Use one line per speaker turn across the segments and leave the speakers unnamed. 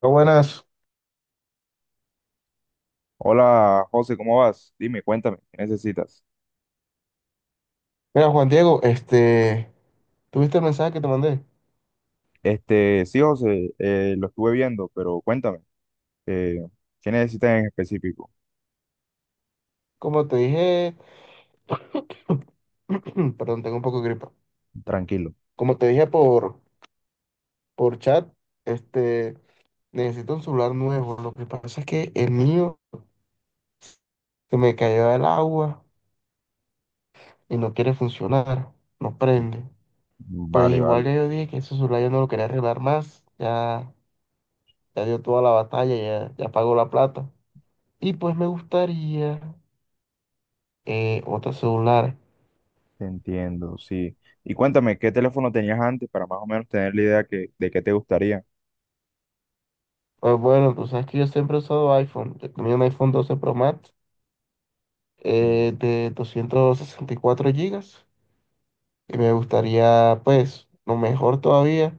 Hola, buenas.
Hola José, ¿cómo vas? Dime, cuéntame, ¿qué necesitas?
Mira, Juan Diego, ¿tuviste el mensaje que te mandé?
Sí, José, lo estuve viendo, pero cuéntame, eh, ¿qué necesitas en específico?
Como te dije, perdón, tengo un poco de gripa.
Tranquilo.
Como te dije por chat, este, necesito un celular nuevo. Lo que pasa es que el mío se me cayó del agua y no quiere funcionar, no
Mm,
prende. Pues
Vale,
igual
vale,
ya yo dije que ese celular yo no lo quería arreglar más, ya, ya dio toda la batalla, ya, ya pagó la plata. Y pues me gustaría otro celular.
te entiendo, sí. Y cuéntame, ¿qué teléfono tenías antes para más o menos tener la idea de qué te gustaría?
Pues bueno, tú sabes que yo siempre he usado iPhone. Yo tenía un iPhone 12 Pro Max
Mm,
de 264 gigas y me gustaría, pues, lo mejor todavía,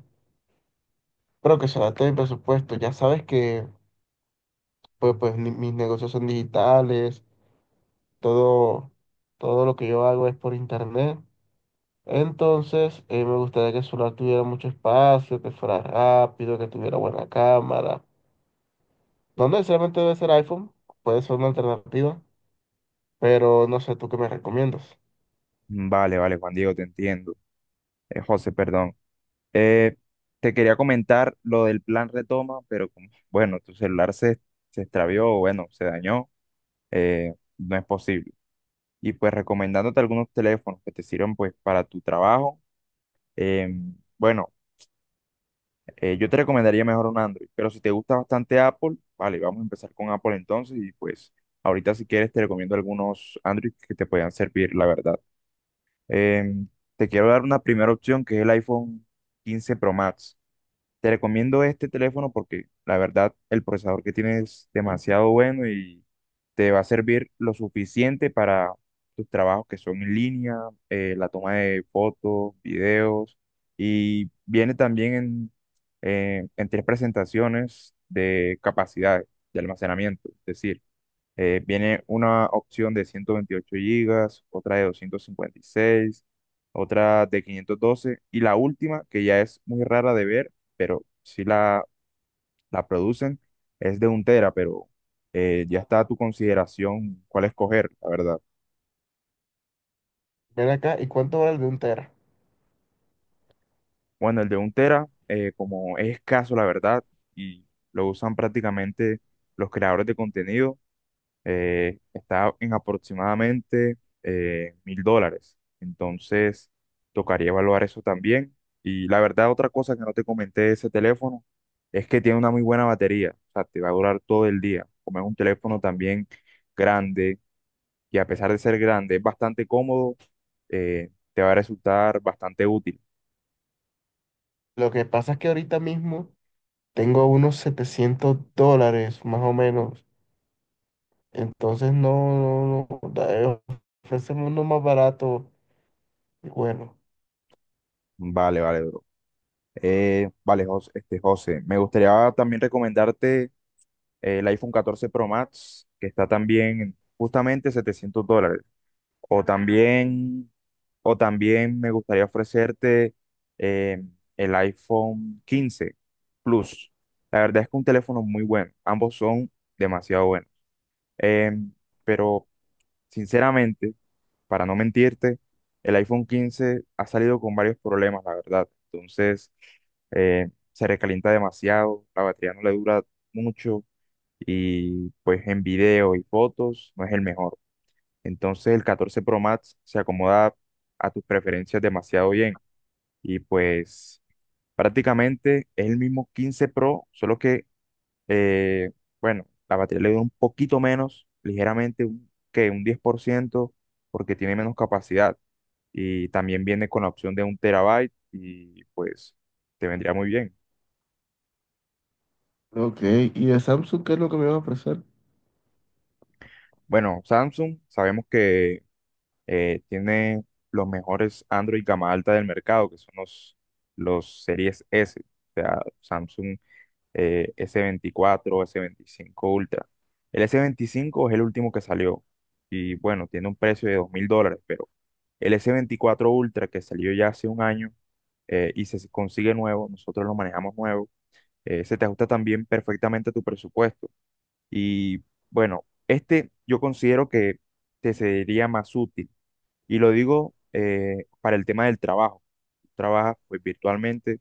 pero que se adapte a mi presupuesto. Ya sabes que, pues, mis negocios son digitales, todo, todo lo que yo hago es por internet. Entonces, me gustaría que el celular tuviera mucho espacio, que fuera rápido, que tuviera buena cámara. No necesariamente debe ser iPhone, puede ser una alternativa. Pero no sé, ¿tú qué me recomiendas?
Vale, vale, Juan Diego, te entiendo. José, perdón. Eh, Te quería comentar lo del plan retoma, pero como, bueno, se extravió, bueno, se dañó, no es posible. Y pues recomendándote algunos teléfonos que te sirvan pues para tu trabajo. Bueno, yo te recomendaría mejor un Android, pero si te gusta bastante Apple, vale, vamos a empezar con Apple entonces y pues ahorita si quieres te recomiendo algunos Android que te puedan servir, la verdad. Em, Te quiero dar una primera opción que es el iPhone 15 Pro Max. Te recomiendo este teléfono porque la verdad el procesador que tiene es demasiado bueno y te va a servir lo suficiente para tus trabajos que son en línea, la toma de fotos, videos y viene también en tres presentaciones de capacidad de almacenamiento. Es decir, viene una opción de 128 gigas, otra de 256, otra de 512 y la última, que ya es muy rara de ver, pero la producen, es de un tera, pero ya está a tu consideración cuál escoger, la verdad.
Ven acá, ¿y cuánto vale el de un tera?
Bueno, el de un tera, como es escaso, la verdad, y lo usan prácticamente los creadores de contenido, está en aproximadamente $1000. Entonces, tocaría evaluar eso también. Y la verdad, otra cosa que no te comenté de ese teléfono es que tiene una muy buena batería. O sea, te va a durar todo el día. Como es un teléfono también grande y a pesar de ser grande, es bastante cómodo, te va a resultar bastante útil.
Lo que pasa es que ahorita mismo tengo unos $700, más o menos. Entonces, no, no, no, ofréceme uno más barato. Y bueno,
Vale, vale, bro. Vale, José, me gustaría también recomendarte el iPhone 14 Pro Max, que está también en justamente $700. O también, o también me gustaría ofrecerte eh, el iPhone 15 Plus. La verdad es que un teléfono muy bueno. Ambos son demasiado buenos. Em, pero sinceramente, para no mentirte, el iPhone 15 ha salido con varios problemas, la verdad. Entonces, se recalienta demasiado, la batería no le dura mucho y pues en video y fotos no es el mejor. Entonces el 14 Pro Max se acomoda a tus preferencias demasiado bien y pues prácticamente es el mismo 15 Pro, eh, bueno, la batería le dura un poquito menos, ligeramente, que un 10% porque tiene menos capacidad y también viene con la opción de un terabyte y pues te vendría muy bien.
ok, ¿y de Samsung qué es lo que me va a ofrecer?
Bueno, Samsung, sabemos que tiene los mejores Android gama alta del mercado, que son los series S, o sea, Samsung s 24, s 25 Ultra. El s 25 es el último que salió y bueno, tiene un precio de $2000, pero el s 24 Ultra que salió ya hace un año y se consigue nuevo, nosotros lo manejamos nuevo, se te ajusta también perfectamente a tu presupuesto. Y bueno, este yo considero que te sería más útil y lo digo para el tema del trabajo. Tú trabajas pues virtualmente,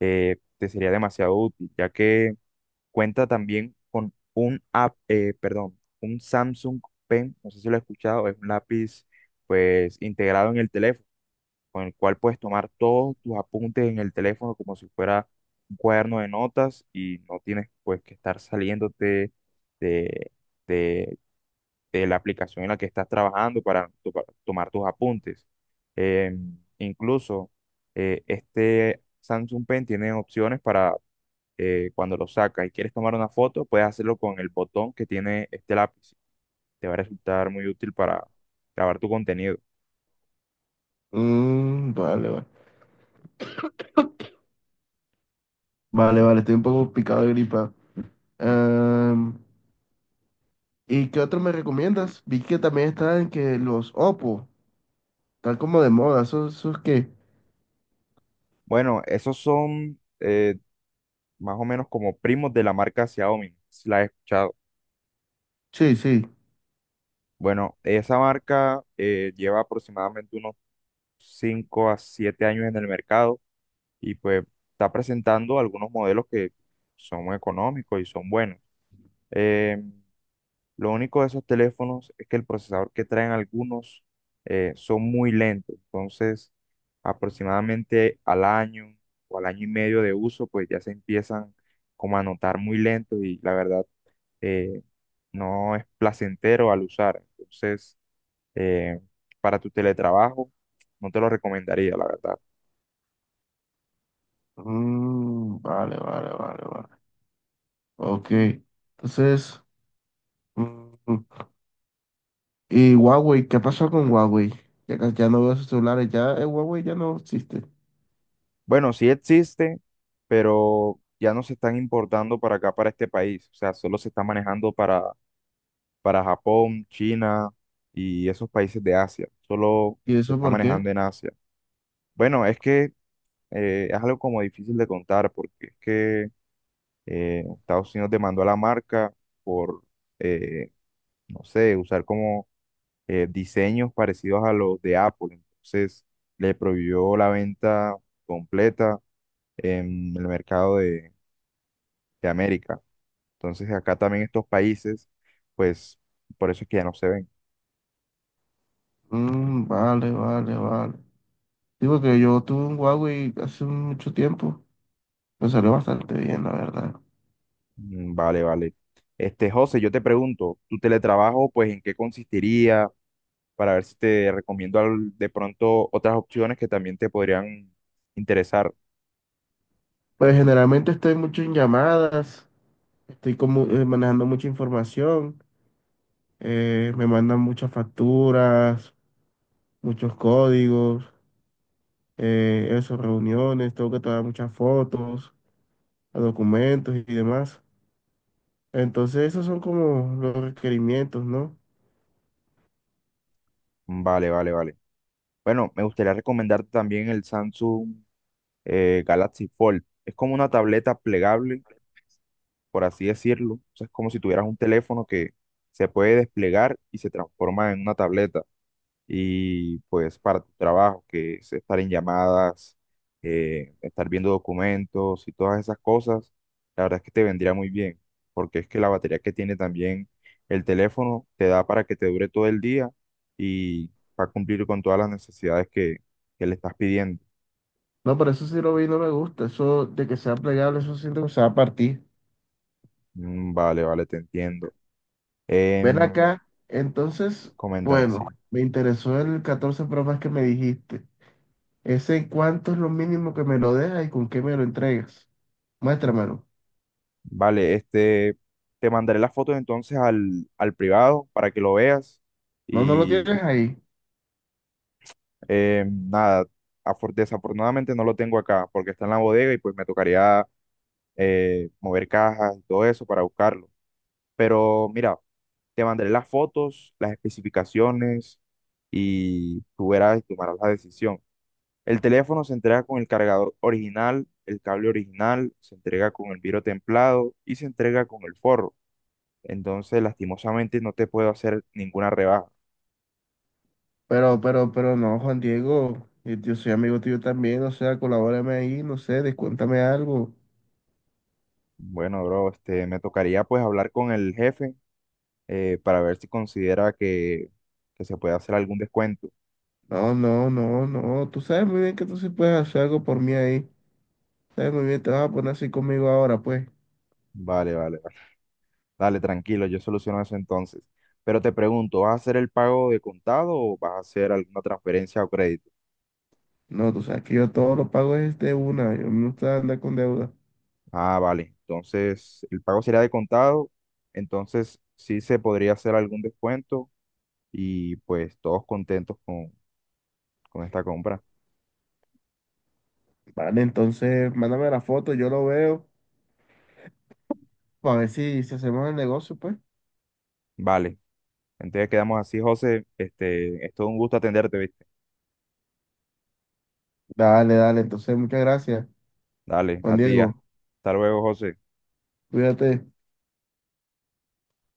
te sería demasiado útil, ya que cuenta también con un app, perdón, un Samsung Pen, no sé si lo he escuchado, es un lápiz pues integrado en el teléfono, con el cual puedes tomar todos tus apuntes en el teléfono como si fuera un cuaderno de notas y no tienes pues que estar saliéndote de, de de la aplicación en la que estás trabajando para tomar tus apuntes. Eh, incluso este Samsung Pen tiene opciones para cuando lo sacas y quieres tomar una foto, puedes hacerlo con el botón que tiene este lápiz. Te va a resultar muy útil para grabar tu contenido.
Mm, vale, vale. Vale, vale, estoy un poco picado de gripa. Em, ¿y qué otro me recomiendas? Vi que también están que los Oppo, están como de moda, ¿esos qué?
Bueno, esos son más o menos como primos de la marca Xiaomi, si la he escuchado.
Sí, sí.
Bueno, esa marca lleva aproximadamente unos 5 a 7 años en el mercado y pues está presentando algunos modelos que son económicos y son buenos. Eh, lo único de esos teléfonos es que el procesador que traen algunos son muy lentos, entonces aproximadamente al año o al año y medio de uso, pues ya se empiezan como a notar muy lentos y la verdad eh, no es placentero al usar. Entonces, eh, para tu teletrabajo, no te lo recomendaría, la verdad.
Mm, vale, vale, vale, vale. Ok. Entonces, mm, ¿y Huawei? ¿Qué pasó con Huawei? Ya, ya no veo sus celulares, ya Huawei ya no existe.
Bueno, sí existe, pero ya no se están importando para acá, para este país. O sea, solo se está manejando para Japón, China y esos países de Asia. Solo
¿Y
se
eso
está
por qué?
manejando en Asia. Bueno, es que es algo como difícil de contar porque es que Estados Unidos demandó a la marca por, eh, no sé, usar como diseños parecidos a los de Apple. Entonces le prohibió la venta completa en el mercado de América. Entonces acá también estos países, pues por eso es que ya no se ven.
Mm, vale, vale, vale. Digo que yo tuve un Huawei hace mucho tiempo. Me salió bastante bien, la verdad.
Vale, vale. Este, José, yo te pregunto, ¿tu teletrabajo, pues en qué consistiría? Para ver si te recomiendo de pronto otras opciones que también te podrían interesar.
Pues generalmente estoy mucho en llamadas, estoy como manejando mucha información, me mandan muchas facturas, muchos códigos. Eso, reuniones, tengo que tomar muchas fotos, documentos y demás. Entonces, esos son como los requerimientos, ¿no?
Vale, vale, vale. Bueno, me gustaría recomendarte también el Samsung Galaxy Fold. Es como una tableta plegable, por así decirlo. O sea, es como si tuvieras un teléfono que se puede desplegar y se transforma en una tableta. Y pues para tu trabajo, que es estar en llamadas, estar viendo documentos y todas esas cosas, la verdad es que te vendría muy bien, porque es que la batería que tiene también el teléfono te da para que te dure todo el día y va a cumplir con todas las necesidades que le estás pidiendo.
No, pero eso sí lo vi y no me gusta. Eso de que sea plegable, eso siento que se va a partir.
Vale, vale, te entiendo.
Ven
Em,
acá, entonces,
Coméntame,
bueno,
sí.
me interesó el 14 Pro Max que me dijiste. ¿Ese cuánto es lo mínimo que me lo dejas y con qué me lo entregas? Muéstramelo.
Vale, este, te mandaré las fotos entonces al privado para que lo veas.
No, no lo tienes ahí.
Nada, afor- Desafortunadamente no lo tengo acá porque está en la bodega y pues me tocaría mover cajas y todo eso para buscarlo. Pero mira, te mandaré las fotos, las especificaciones y tú verás y tomarás la decisión. El teléfono se entrega con el cargador original, el cable original, se entrega con el vidrio templado y se entrega con el forro. Entonces, lastimosamente no te puedo hacer ninguna rebaja.
Pero no, Juan Diego, yo soy amigo tuyo también, o sea, colabórame ahí, no sé, descuéntame algo.
Bueno, bro, este, me tocaría pues hablar con el jefe para ver si considera que se puede hacer algún descuento.
No, no, no, no, tú sabes muy bien que tú sí puedes hacer algo por mí ahí. Sabes muy bien, te vas a poner así conmigo ahora, pues.
Vale, vale, vale. Dale, tranquilo, yo soluciono eso entonces. Pero te pregunto, ¿vas a hacer el pago de contado o vas a hacer alguna transferencia o crédito?
No, tú sabes que yo todo lo pago es de una, yo no gusta andar con deuda.
Ah, vale. Entonces, el pago sería de contado. Entonces, sí se podría hacer algún descuento y pues todos con esta compra.
Vale, entonces, mándame la foto, yo lo veo, para ver si hacemos el negocio, pues.
Vale. Entonces quedamos así, José. Este, es todo un gusto atenderte, ¿viste?
Dale, dale, entonces, muchas gracias,
Dale,
Juan
a ti. Ya
Diego,
Hasta luego, José.
cuídate.